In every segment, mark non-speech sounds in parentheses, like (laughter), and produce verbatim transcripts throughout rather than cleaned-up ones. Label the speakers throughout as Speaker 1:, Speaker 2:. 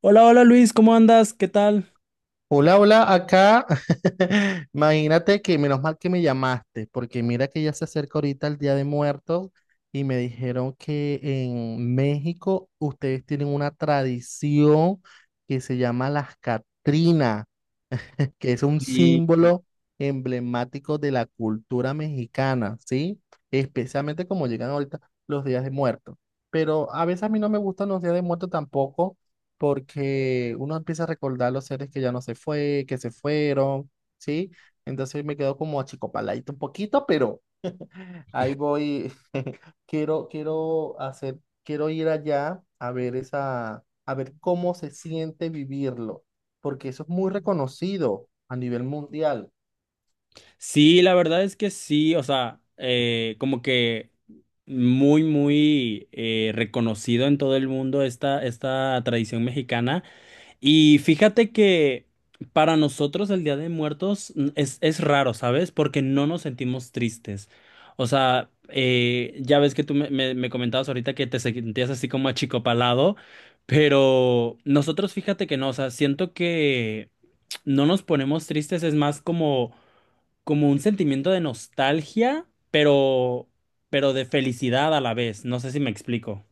Speaker 1: Hola, hola Luis, ¿cómo andas? ¿Qué tal?
Speaker 2: Hola, hola, acá. (laughs) Imagínate que menos mal que me llamaste, porque mira que ya se acerca ahorita el Día de Muertos y me dijeron que en México ustedes tienen una tradición que se llama las Catrinas, que es un
Speaker 1: Sí,
Speaker 2: símbolo emblemático de la cultura mexicana, ¿sí? Especialmente como llegan ahorita los días de muertos. Pero a veces a mí no me gustan los días de muertos tampoco, porque uno empieza a recordar los seres que ya no se fue, que se fueron, ¿sí? Entonces me quedo como achicopaladito un poquito, pero ahí voy. (laughs) Quiero, quiero hacer, quiero ir allá a ver esa, a ver cómo se siente vivirlo, porque eso es muy reconocido a nivel mundial.
Speaker 1: sí, la verdad es que sí, o sea, eh, como que muy, muy eh, reconocido en todo el mundo esta, esta tradición mexicana. Y fíjate que para nosotros el Día de Muertos mm, es, es raro, ¿sabes? Porque no nos sentimos tristes. O sea, eh, ya ves que tú me, me- me comentabas ahorita que te sentías así como achicopalado, pero nosotros fíjate que no, o sea, siento que no nos ponemos tristes, es más como, como un sentimiento de nostalgia, pero, pero de felicidad a la vez. No sé si me explico.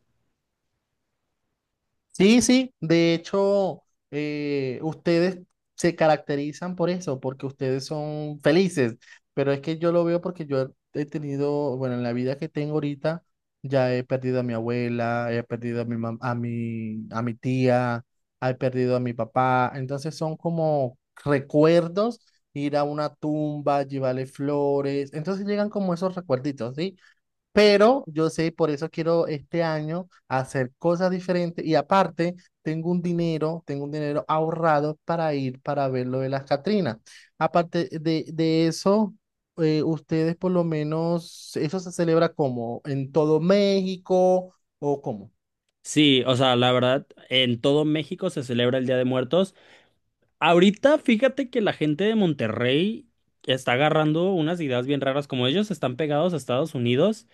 Speaker 2: Sí, sí, de hecho, eh, ustedes se caracterizan por eso, porque ustedes son felices, pero es que yo lo veo porque yo he tenido, bueno, en la vida que tengo ahorita, ya he perdido a mi abuela, he perdido a mi mam- a mi, a mi tía, he perdido a mi papá, entonces son como recuerdos, ir a una tumba, llevarle flores, entonces llegan como esos recuerditos, ¿sí? Pero yo sé, por eso quiero este año hacer cosas diferentes y aparte tengo un dinero, tengo un dinero ahorrado para ir para ver lo de las Catrinas. Aparte de, de eso, eh, ustedes por lo menos, ¿eso se celebra como en todo México o cómo?
Speaker 1: Sí, o sea, la verdad, en todo México se celebra el Día de Muertos. Ahorita, fíjate que la gente de Monterrey está agarrando unas ideas bien raras, como ellos están pegados a Estados Unidos.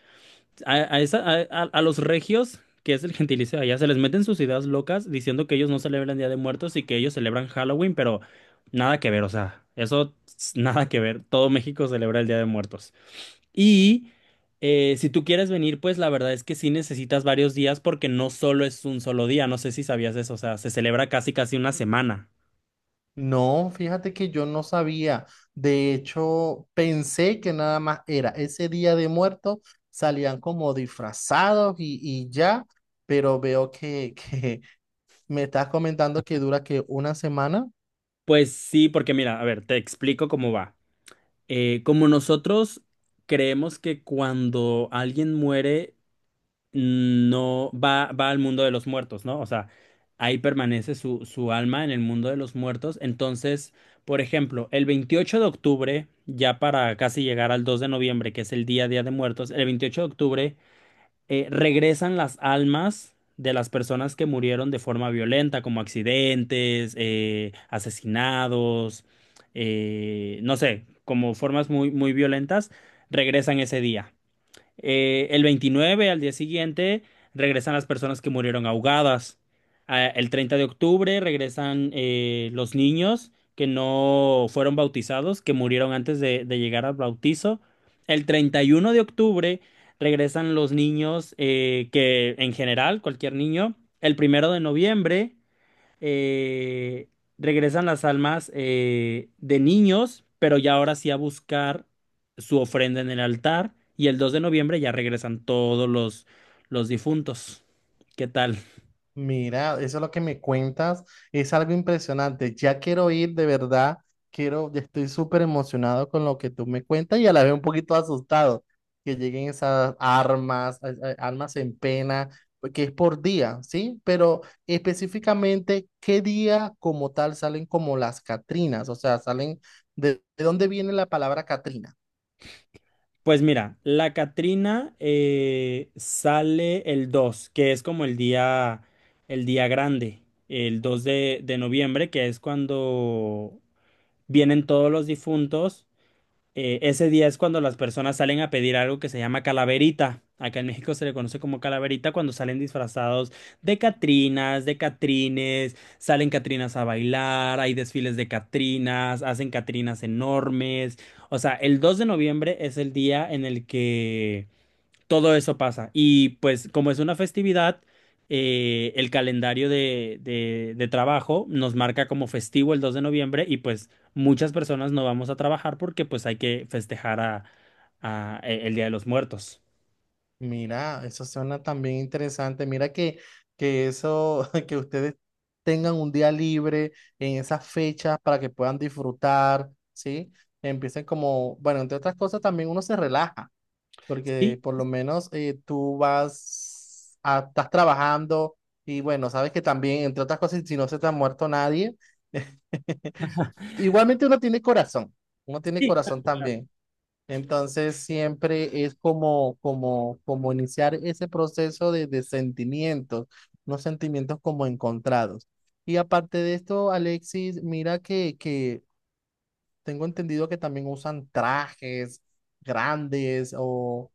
Speaker 1: A, a esa- a- a- a los regios, que es el gentilicio de allá, se les meten sus ideas locas diciendo que ellos no celebran Día de Muertos y que ellos celebran Halloween, pero nada que ver, o sea, eso s- nada que ver. Todo México celebra el Día de Muertos. Y eh, si tú quieres venir, pues la verdad es que sí necesitas varios días porque no solo es un solo día, no sé si sabías eso, o sea, se celebra casi casi una semana.
Speaker 2: No, fíjate que yo no sabía. De hecho, pensé que nada más era ese día de muertos, salían como disfrazados y, y ya, pero veo que, (laughs) que me estás comentando que dura que una semana.
Speaker 1: Pues sí, porque mira, a ver, te explico cómo va. Eh, como nosotros creemos que cuando alguien muere no va, va al mundo de los muertos, ¿no? O sea, ahí permanece su, su alma en el mundo de los muertos. Entonces, por ejemplo, el veintiocho de octubre, ya para casi llegar al dos de noviembre, que es el día Día de Muertos, el veintiocho de octubre eh, regresan las almas de las personas que murieron de forma violenta, como accidentes, eh, asesinados, eh, no sé, como formas muy, muy violentas, regresan ese día. Eh, el veintinueve, al día siguiente, regresan las personas que murieron ahogadas. Ah, el treinta de octubre regresan eh, los niños que no fueron bautizados, que murieron antes de, de llegar al bautizo. El treinta y uno de octubre regresan los niños eh, que en general, cualquier niño. El primero de noviembre eh, regresan las almas eh, de niños, pero ya ahora sí a buscar su ofrenda en el altar. Y el dos de noviembre ya regresan todos los, los difuntos. ¿Qué tal?
Speaker 2: Mira, eso es lo que me cuentas, es algo impresionante. Ya quiero ir, de verdad, quiero, ya estoy súper emocionado con lo que tú me cuentas y a la vez un poquito asustado que lleguen esas armas, a- a- armas en pena, porque es por día, ¿sí? Pero específicamente, ¿qué día como tal salen como las Catrinas? O sea, salen, ¿de, de dónde viene la palabra Catrina?
Speaker 1: Pues mira, la Catrina eh, sale el dos, que es como el día, el día grande, el dos de, de noviembre, que es cuando vienen todos los difuntos. Eh, ese día es cuando las personas salen a pedir algo que se llama calaverita. Acá en México se le conoce como calaverita cuando salen disfrazados de catrinas, de catrines, salen catrinas a bailar, hay desfiles de catrinas, hacen catrinas enormes. O sea, el dos de noviembre es el día en el que todo eso pasa. Y pues como es una festividad, eh, el calendario de, de- de trabajo nos marca como festivo el dos de noviembre, y pues muchas personas no vamos a trabajar porque pues hay que festejar a, a- e- el Día de los Muertos.
Speaker 2: Mira, eso suena también interesante. Mira que, que eso, (laughs) que ustedes tengan un día libre en esas fechas para que puedan disfrutar, ¿sí? Empiecen como, bueno, entre otras cosas también uno se relaja,
Speaker 1: Sí,
Speaker 2: porque por lo menos eh, tú vas, a- estás trabajando y bueno, sabes que también, entre otras cosas, si no se te ha muerto nadie, (laughs) igualmente uno tiene corazón, uno tiene
Speaker 1: sí.
Speaker 2: corazón también. Entonces siempre es como, como, como iniciar ese proceso de, de sentimientos, unos sentimientos como encontrados. Y aparte de esto, Alexis, mira que, que tengo entendido que también usan trajes grandes o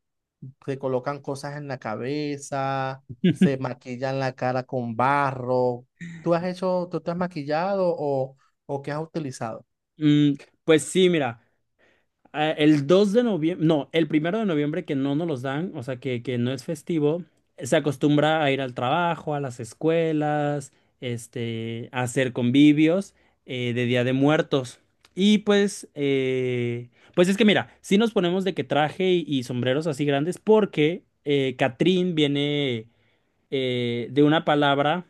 Speaker 2: se colocan cosas en la cabeza, se
Speaker 1: (laughs)
Speaker 2: maquillan la cara con barro. ¿Tú has hecho, tú te has maquillado o, o qué has utilizado?
Speaker 1: Mm, pues sí, mira. Ah, El dos de noviembre, no, el primero de noviembre, que no nos los dan, o sea, que, que no es festivo, se acostumbra a ir al trabajo, a las escuelas, este, a hacer convivios eh, de Día de Muertos. Y pues, eh, pues es que mira, sí nos ponemos de que traje y, y sombreros así grandes porque eh, Catrín viene eh, de una palabra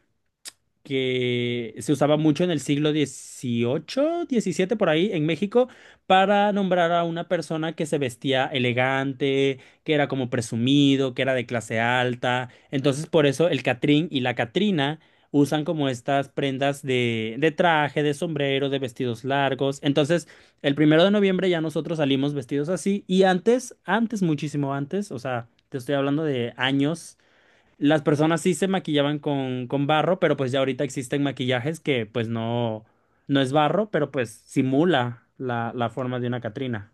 Speaker 1: que se usaba mucho en el siglo dieciocho, diecisiete por ahí, en México, para nombrar a una persona que se vestía elegante, que era como presumido, que era de clase alta. Entonces, por eso el Catrín y la Catrina usan como estas prendas de, de traje, de sombrero, de vestidos largos. Entonces, el primero de noviembre ya nosotros salimos vestidos así. Y antes, antes, muchísimo antes, o sea, te estoy hablando de años. Las personas sí se maquillaban con, con barro, pero pues ya ahorita existen maquillajes que pues no, no es barro, pero pues simula la, la forma de una Catrina.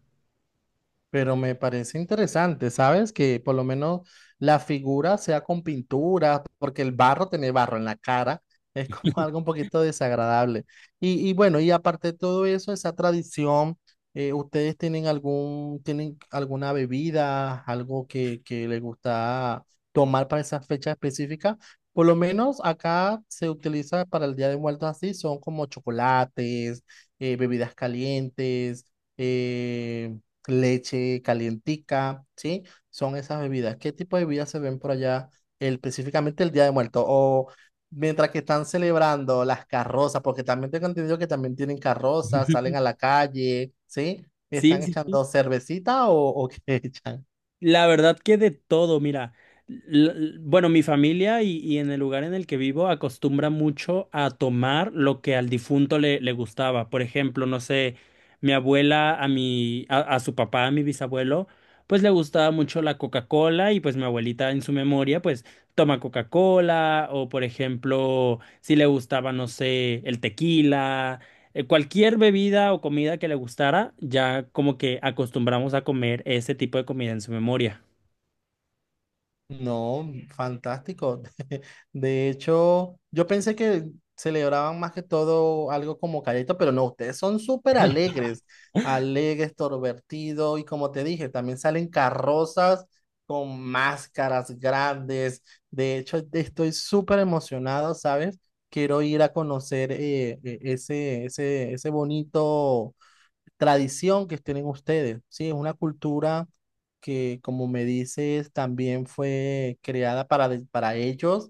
Speaker 2: Pero me parece interesante, ¿sabes? Que por lo menos la figura sea con pintura, porque el barro, tener barro en la cara, es como (laughs) algo un poquito desagradable. Y, y bueno, y aparte de todo eso, esa tradición, eh, ¿ustedes tienen algún, tienen alguna bebida, algo que, que les gusta tomar para esa fecha específica? Por lo menos acá se utiliza para el Día de Muertos así, son como chocolates, eh, bebidas calientes. em, Leche calientica, ¿sí? Son esas bebidas. ¿Qué tipo de bebidas se ven por allá el- específicamente el Día de Muertos? O mientras que están celebrando las carrozas, porque también tengo entendido que también tienen carrozas, salen
Speaker 1: (laughs)
Speaker 2: a la calle, ¿sí?
Speaker 1: Sí,
Speaker 2: ¿Están
Speaker 1: sí, sí.
Speaker 2: echando cervecita o, o qué (laughs) echan?
Speaker 1: La verdad que de todo, mira, l- l- bueno, mi familia y, y en el lugar en el que vivo acostumbra mucho a tomar lo que al difunto le, le gustaba. Por ejemplo, no sé, mi abuela a mi, a, a su papá, a mi bisabuelo, pues le gustaba mucho la Coca-Cola, y pues mi abuelita en su memoria, pues toma Coca-Cola. O por ejemplo, si le gustaba, no sé, el tequila, eh, cualquier bebida o comida que le gustara, ya como que acostumbramos a comer ese tipo de comida en su memoria.
Speaker 2: No, fantástico. (laughs) De hecho, yo pensé que celebraban más que todo algo como calladito, pero no, ustedes son súper alegres, alegres, torvertidos, y como te dije, también salen carrozas con máscaras grandes. De hecho, estoy súper emocionado, ¿sabes? Quiero ir a conocer eh, e- ese, ese, ese bonito tradición que tienen ustedes, ¿sí? Es una cultura que, como me dices, también fue creada para, de- para ellos.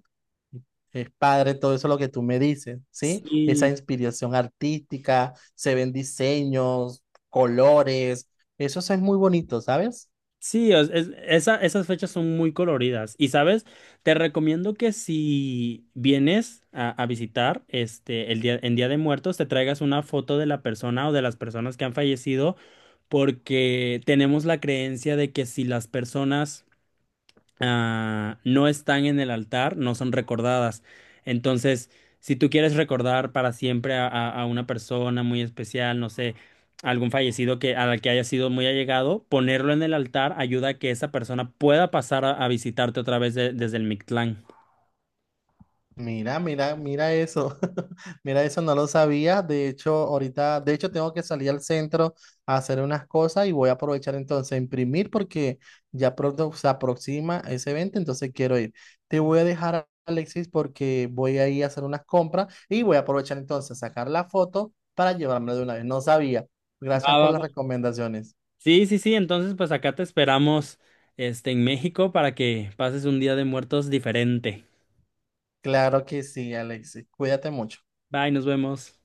Speaker 2: Es padre todo eso lo que tú me dices, ¿sí? Esa
Speaker 1: Sí,
Speaker 2: inspiración artística, se ven diseños, colores, eso es muy bonito, ¿sabes?
Speaker 1: sí, es- es- esa- esas fechas son muy coloridas. Y sabes, te recomiendo que si vienes a, a visitar este el día, en Día de Muertos, te traigas una foto de la persona o de las personas que han fallecido, porque tenemos la creencia de que si las personas ah, no están en el altar, no son recordadas. Entonces, si tú quieres recordar para siempre a, a- a una persona muy especial, no sé, algún fallecido que, a la que haya sido muy allegado, ponerlo en el altar ayuda a que esa persona pueda pasar a, a visitarte otra vez de- desde el Mictlán.
Speaker 2: Mira, mira, mira eso. (laughs) Mira eso, no lo sabía. De hecho, ahorita, de hecho, tengo que salir al centro a hacer unas cosas y voy a aprovechar entonces a imprimir porque ya pronto se aproxima ese evento, entonces quiero ir. Te voy a dejar, Alexis, porque voy a ir a hacer unas compras y voy a aprovechar entonces a sacar la foto para llevármela de una vez. No sabía.
Speaker 1: Va,
Speaker 2: Gracias por
Speaker 1: va,
Speaker 2: las
Speaker 1: va.
Speaker 2: recomendaciones.
Speaker 1: Sí, sí, sí, entonces pues acá te esperamos este, en México para que pases un día de muertos diferente.
Speaker 2: Claro que sí, Alexis. Cuídate mucho.
Speaker 1: Bye, nos vemos.